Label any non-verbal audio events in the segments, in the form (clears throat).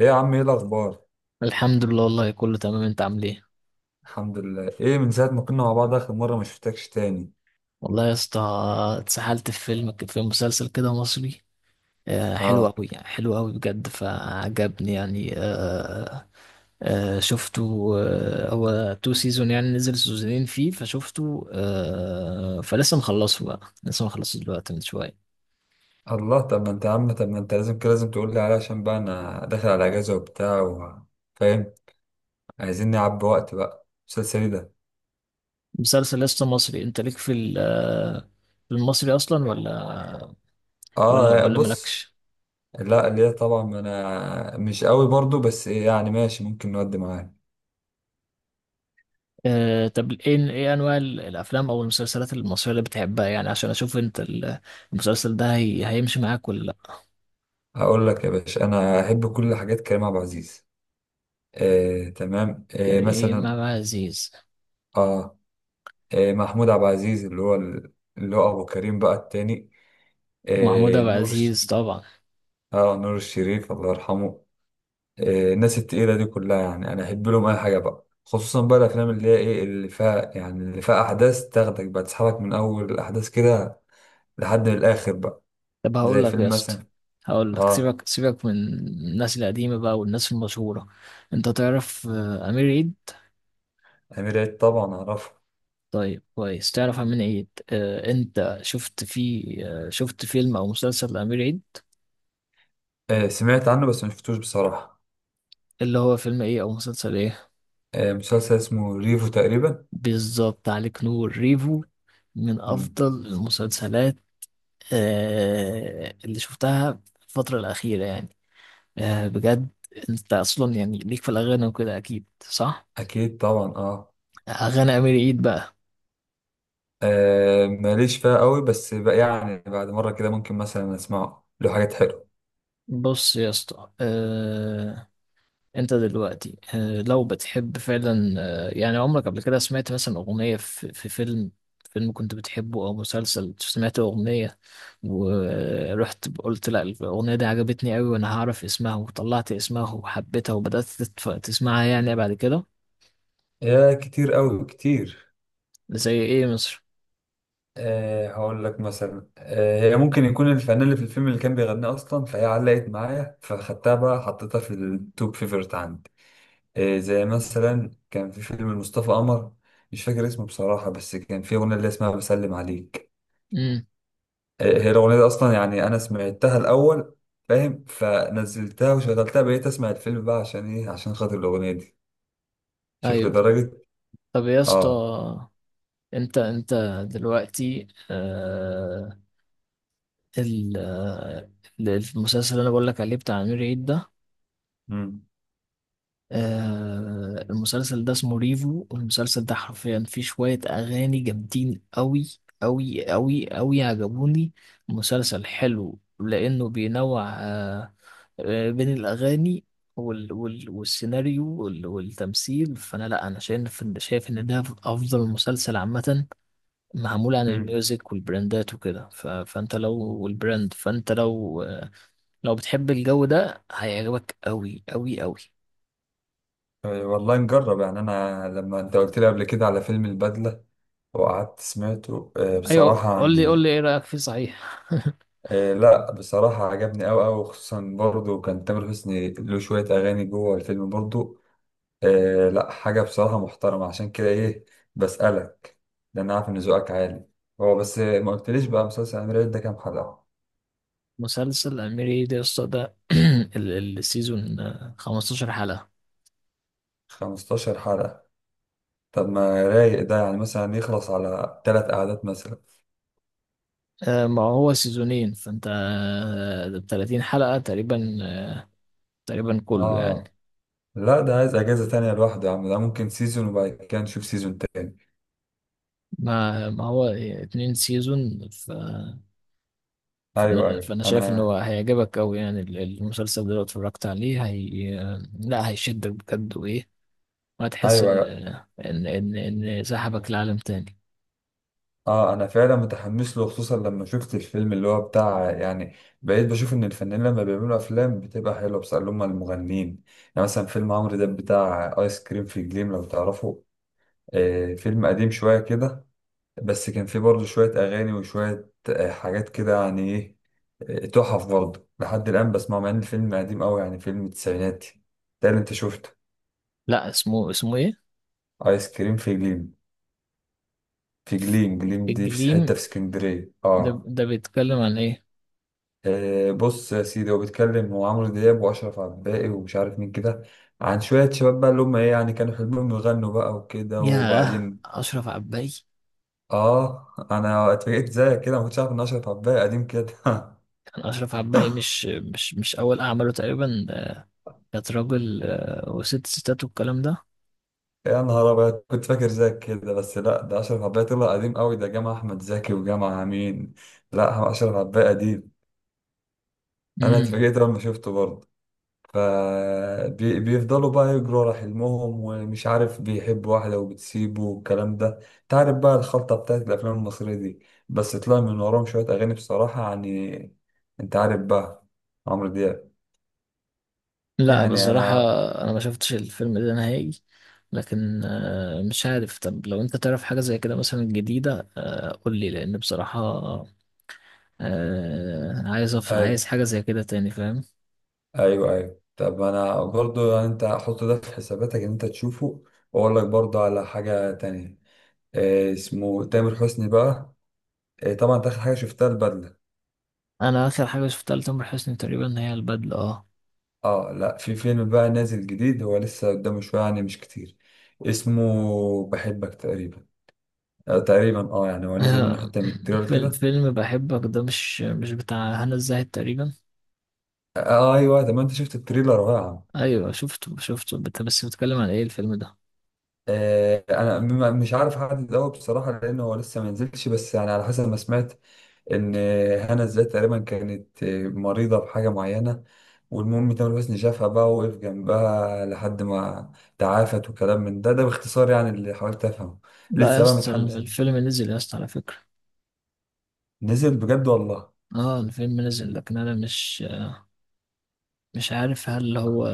ايه يا عم، ايه الاخبار؟ الحمد لله، والله كله تمام. انت عامل ايه؟ الحمد لله. ايه، من ساعه ما كنا مع بعض اخر مره، ما شفتكش تاني. والله يا اسطى، اتسحلت في فيلم، في مسلسل كده مصري. حلو اه. قوي، يعني حلو قوي بجد فعجبني يعني. شفته. هو تو سيزون، يعني نزل سيزونين فيه فشفته، فلسه مخلصه بقى، لسه مخلصه دلوقتي من شويه. الله. طب ما انت لازم تقول لي عليه عشان بقى انا داخل على اجازه وبتاع. فاهم. عايزين نعبي وقت بقى مسلسلي ده. مسلسل لسه مصري، انت ليك في في المصري اصلا، ولا ولا اه، ولا بص. مالكش؟ لا ليه طبعا، ما انا مش قوي برضو، بس ايه يعني، ماشي ممكن نودي معاه. طب ايه انواع الافلام او المسلسلات المصريه اللي بتحبها يعني، عشان اشوف انت المسلسل ده، هي هيمشي معاك ولا لا؟ هقول لك يا باشا، انا احب كل حاجات كريم عبد العزيز. آه، تمام. يعني ايه مثلا. امام عزيز اه. محمود عبد العزيز، اللي هو ابو كريم بقى التاني. ومحمود عبد نور العزيز الشريف. طبعا؟ اه، نور الشريف الله يرحمه. الناس التقيلة دي كلها يعني، انا احب لهم اي حاجة بقى، خصوصا بقى الافلام اللي هي ايه، اللي فيها يعني، اللي فيها احداث تاخدك بقى، تسحبك من اول الاحداث كده لحد الاخر بقى. طب هقول زي لك يا فيلم اسطى، مثلا. هقول لك، اه. سيبك سيبك من الناس القديمه بقى والناس المشهوره. انت تعرف امير عيد؟ امير عيد طبعا اعرفه. طيب كويس، تعرف امير عيد. انت شفت فيه شفت فيلم او مسلسل لامير عيد؟ سمعت عنه بس ما شفتوش بصراحة. اللي هو فيلم ايه او مسلسل ايه؟ مسلسل اسمه ريفو تقريبا. بالظبط، عليك نور. ريفو من مم. أفضل المسلسلات اللي شفتها في الفترة الأخيرة يعني. بجد، أنت أصلا يعني ليك في الأغاني وكده، أكيد صح؟ اكيد طبعا اه. أغاني أمير عيد بقى. ماليش فيها قوي، بس بقى يعني بعد مرة كده ممكن مثلا اسمعه له حاجات حلوة. بص يا اسطى، انت دلوقتي، لو بتحب فعلا، يعني عمرك قبل كده سمعت مثلا اغنية في فيلم، فيلم كنت بتحبه او مسلسل، سمعت اغنية ورحت قلت لا، الاغنية دي عجبتني قوي وانا هعرف اسمها، وطلعت اسمها وحبيتها وبدأت تسمعها يعني بعد كده. يا كتير قوي كتير. زي ايه مصر؟ هقول لك مثلا. هي ممكن يكون الفنان اللي في الفيلم اللي كان بيغنيه اصلا، فهي علقت معايا فخدتها بقى حطيتها في التوب، فيفرت عندي. زي مثلا كان في فيلم مصطفى قمر، مش فاكر اسمه بصراحة، بس كان في أغنية اللي اسمها بسلم عليك. امم. هي الأغنية دي أصلا يعني أنا سمعتها الأول، فاهم، فنزلتها وشغلتها بقيت أسمع الفيلم بقى عشان إيه؟ عشان خاطر الأغنية دي، شوف ايوه. لدرجة. طب يا اسطى، آه. انت دلوقتي، ال- آه، المسلسل اللي انا بقول لك عليه بتاع امير عيد ده، مم. المسلسل ده اسمه ريفو، والمسلسل ده حرفيا فيه شوية أغاني جامدين أوي، أوي أوي أوي، عجبوني. مسلسل حلو لأنه بينوع، بين الأغاني والسيناريو والتمثيل. فأنا، لأ، أنا شايف إن، ده أفضل مسلسل عامة، معمول عن مم. الميوزك والبراندات وكده. فأنت لو والبراند، فأنت لو لو بتحب الجو ده هيعجبك أوي أوي أوي. والله نجرب يعني، انا لما انت قلت لي قبل كده على فيلم البدلة وقعدت سمعته، ايوه، بصراحة قول لي قول يعني. لي، ايه رايك فيه صحيح؟ (laughs) لا بصراحة عجبني أوي أوي، خصوصا برضه كان تامر حسني له شوية أغاني جوه الفيلم برضه. لا حاجة بصراحة محترمة، عشان كده إيه، بسألك، لأن أنا عارف إن ذوقك عالي. هو بس ما قلتليش بقى، مسلسل أمير عيد ده كام حلقة؟ مسلسل اميري دي اسطى ده. (clears throat) السيزون 15 حلقه. 15 حلقة. طب ما رايق ده، يعني مثلا يخلص على تلات قعدات مثلا. ما هو سيزونين، فانت ده ب 30 حلقه تقريبا، تقريبا كله يعني. آه لا، ده عايز اجازه تانية لوحده يا عم، ده ممكن سيزون وبعد كده نشوف سيزون تاني. ما هو اتنين سيزون، ايوه فانا ايوه فانا شايف ان هو انا. هيعجبك قوي، يعني المسلسل ده لو اتفرجت عليه، هي، لا، هيشدك بجد وايه، وهتحس ايوه ان أيوة. سحبك لعالم تاني. اه، انا فعلا متحمس له خصوصا لما شفت الفيلم اللي هو بتاع يعني، بقيت بشوف ان الفنانين لما بيعملوا افلام بتبقى حلوه، بس اللي هم المغنيين. يعني مثلا فيلم عمرو دياب بتاع ايس كريم في جليم، لو تعرفه. فيلم قديم شويه كده، بس كان فيه برضه شويه اغاني وشويه حاجات كده، يعني ايه. تحف برضه لحد الان بسمعه، مع ان الفيلم قديم قوي، يعني فيلم التسعينات. ده اللي انت شفته. لا، اسمه ايه؟ ايس كريم في جليم. في جليم، جليم دي في الجليم؟ حته في اسكندريه، ده اه. ده بيتكلم عن ايه؟ بص يا سيدي، هو بيتكلم، هو عمرو دياب واشرف عباقي ومش عارف مين كده، عن شويه شباب بقى اللي هم ايه يعني، كانوا حلمهم يغنوا بقى وكده ياه، وبعدين. اشرف عباي؟ اه، انا اتفاجئت زيك كده، ما كنتش عارف ان اشرف عباقي قديم كده. (laughs) كان اشرف عباي مش اول اعماله تقريبا ده. كانت راجل وست ستات والكلام ده. يا نهار ابيض، كنت فاكر زيك كده، بس لا، ده اشرف عباقي طلع قديم قوي، ده جمع احمد زكي وجمع مين؟ لا، اشرف عباقي قديم. انا امم. اتفاجئت لما شفته برضه. فبيفضلوا بقى يجروا على حلمهم، ومش عارف بيحب واحدة وبتسيبه والكلام ده، تعرف بقى الخلطة بتاعت الأفلام المصرية دي. بس طلع من وراهم شوية أغاني بصراحة يعني، أنت عارف بقى عمرو دياب. لا يعني بصراحه، أنا. انا ما شفتش الفيلم ده نهائي، لكن مش عارف. طب لو انت تعرف حاجه زي كده مثلا جديده، قول لي، لان بصراحه عايز عايز أي حاجه زي كده تاني، فاهم؟ أيوه أيوه. طب أنا برضو يعني، أنت حط ده في حساباتك إن أنت تشوفه، وأقول لك برضو على حاجة تانية. إيه اسمه؟ تامر حسني بقى. إيه طبعا، أنت آخر حاجة شفتها البدلة. انا اخر حاجه شفتها لتامر حسني تقريبا هي البدله، اه. اه لا، في فيلم بقى نازل جديد، هو لسه قدامه شوية يعني، مش كتير. اسمه بحبك تقريبا. آه تقريبا يعني هو نزل منه آه، حتة من (clears throat) التريلر فيلم كده. فيلم بحبك ده مش بتاع هنا الزاهد تقريبا؟ آه. ايوه، طب ما انت شفت التريلر؟ رائع. ايوه، شفته. بس بتكلم عن ايه الفيلم ده؟ انا مش عارف احدد قوي بصراحة، لان هو لسه ما نزلش، بس يعني على حسب ما سمعت، ان هنا الزاهد تقريبا كانت مريضة بحاجة معينة. والمهم تامر حسني شافها بقى، ووقف جنبها لحد ما تعافت، وكلام من ده ده باختصار يعني اللي حاولت افهمه. لا يا لسه بقى اسطى، متحمس. الفيلم نزل يا اسطى على فكرة. نزل بجد والله. اه الفيلم نزل، لكن انا مش عارف، هل هو،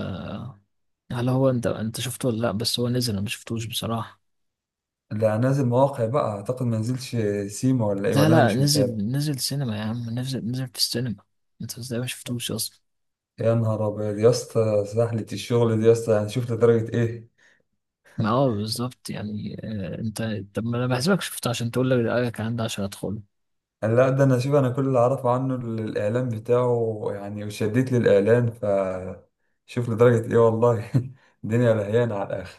انت شفته ولا لا، بس هو نزل، انا ما شفتوش بصراحة. لا، نازل مواقع بقى اعتقد، ما نزلش سيما ولا ايه؟ لا ولا انا لا، مش متابع. نزل نزل سينما يا عم، نزل نزل في السينما. انت ازاي ما شفتوش اصلا؟ يا نهار ابيض يا اسطى، سهلة الشغل دي يا اسطى؟ هنشوف لدرجة ايه. ما هو بالظبط يعني، انت، طب ما انا بحسبك شفته عشان تقول لي رأيك عن ده عشان ادخله. قال لا، ده انا شوف، انا كل اللي اعرفه عنه الاعلان بتاعه يعني، وشديت للاعلان. شوف لدرجة ايه والله. (laughs) الدنيا لهيانة على الاخر.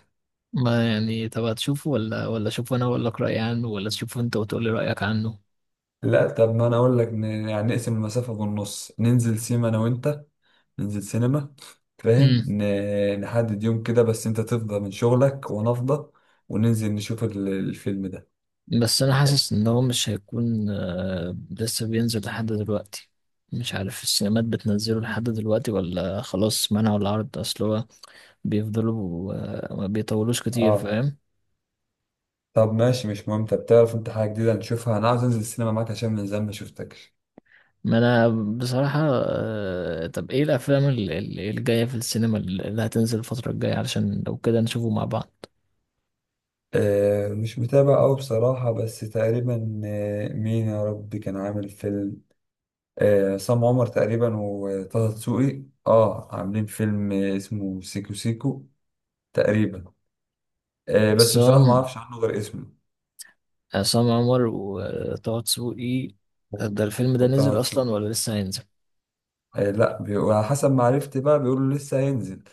ما يعني، طب هتشوفه ولا اشوفه انا واقول لك رايي عنه، ولا تشوفه انت وتقول لي رايك عنه؟ لا طب، ما انا اقول لك، يعني نقسم المسافة بالنص، ننزل سيما انا وانت. ننزل سينما، فاهم، امم. نحدد يوم كده، بس انت تفضى من شغلك وانا افضى، وننزل نشوف الفيلم ده. بس انا حاسس ان هو مش هيكون لسه بينزل لحد دلوقتي. مش عارف السينمات بتنزله لحد دلوقتي ولا خلاص منعوا العرض، اصل هو بيفضلوا ما بيطولوش كتير، اه فاهم؟ طب ماشي، مش مهم. طب تعرف انت حاجة جديدة نشوفها؟ انا عاوز انزل السينما معاك عشان من زمان ما شفتكش. ما انا بصراحة، طب ايه الافلام الجاية في السينما اللي هتنزل الفترة الجاية، علشان لو كده نشوفه مع بعض. مش متابع أوي بصراحة، بس تقريبا مين يا ربي كان عامل فيلم؟ عصام عمر تقريبا وطه دسوقي، اه عاملين فيلم، اسمه سيكو سيكو تقريبا. بس بس بصراحة ما اعرفش عنه غير اسمه. عصام عمر وطه دسوقي، ده الفيلم ده وطه نزل اصلا دسوقي. ولا لسه هينزل؟ لا وعلى حسب ما عرفت بقى بيقولوا لسه هينزل.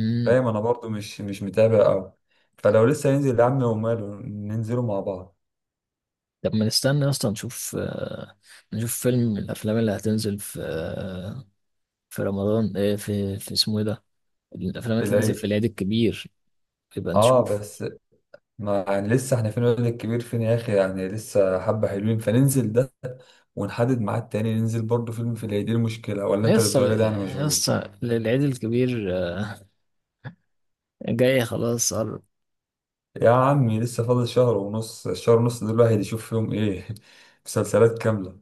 امم. فاهم، انا برضو مش متابع قوي. فلو لسه هينزل يا عم، وماله ننزلوا مع بعض طب ما نستنى اصلا، نشوف فيلم من الافلام اللي هتنزل في في رمضان، ايه في اسمه ايه ده، الافلام اللي في هتنزل في العيد. العيد الكبير، يبقى اه نشوف. بس، ما يعني لسه احنا، فين الولد الكبير فين يا اخي يعني، لسه حبة حلوين، فننزل ده، ونحدد ميعاد تاني ننزل برضو فيلم في العيد، إيه المشكلة؟ ولا انت يسطا، للدرجة دي يعني مشغول؟ يسطا، العيد الكبير جاي، خلاص قرب. يا عمي، لسه فاضل شهر ونص، الشهر ونص دول الواحد يشوف فيهم ايه؟ (laughs) مسلسلات كاملة.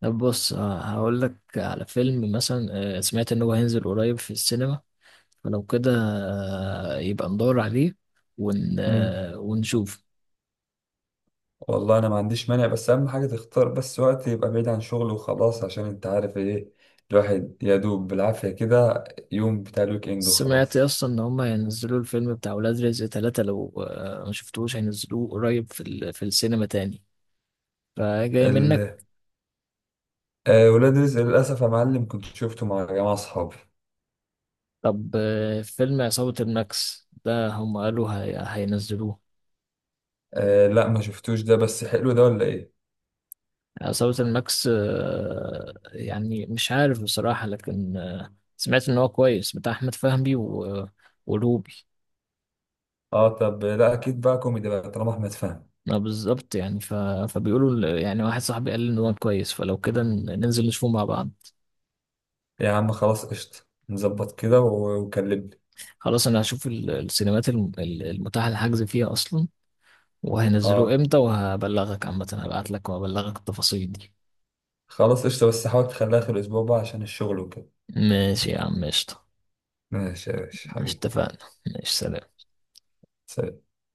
طب بص، هقول لك على فيلم مثلا، سمعت ان هو هينزل قريب في السينما، فلو كده يبقى ندور عليه ون... مم. آه، ونشوف. والله انا ما عنديش مانع، بس اهم حاجه تختار بس وقت يبقى بعيد عن شغل وخلاص، عشان انت عارف ايه، الواحد يا دوب بالعافيه كده يوم بتاع الويك اند سمعت وخلاص. اصلا ان هم هينزلوا الفيلم بتاع ولاد رزق ثلاثة، لو ما شفتوش هينزلوه قريب في السينما تاني، فجاي منك. ال... آه ولاد رزق للاسف يا معلم، كنت شفته مع جماعه اصحابي. طب فيلم عصابة الماكس ده هم قالوا هينزلوه. لا ما شفتوش ده، بس حلو ده ولا ايه؟ عصابة الماكس، يعني مش عارف بصراحة، لكن سمعت ان هو كويس، بتاع احمد فهمي ولوب. اه طب لا، اكيد بقى كوميدي بقى طالما احمد فهمي. ما بالظبط يعني، فبيقولوا يعني واحد صاحبي قال لي ان هو كويس، فلو كده ننزل نشوفه مع بعض. يا عم خلاص قشطه، نظبط كده وكلمني. خلاص، انا هشوف السينمات المتاحة الحجز فيها اصلا، وهينزلوه اه امتى، وهبلغك عامة. هبعت لك وهبلغك التفاصيل دي. خلاص قشطه، بس حاول تخليها اخر الاسبوع بقى عشان الشغل وكده. ماشي يا عم، قشطة. ماشي يا باشا ماشي، حبيبي. اتفقنا. ماشي، سلام. سلام.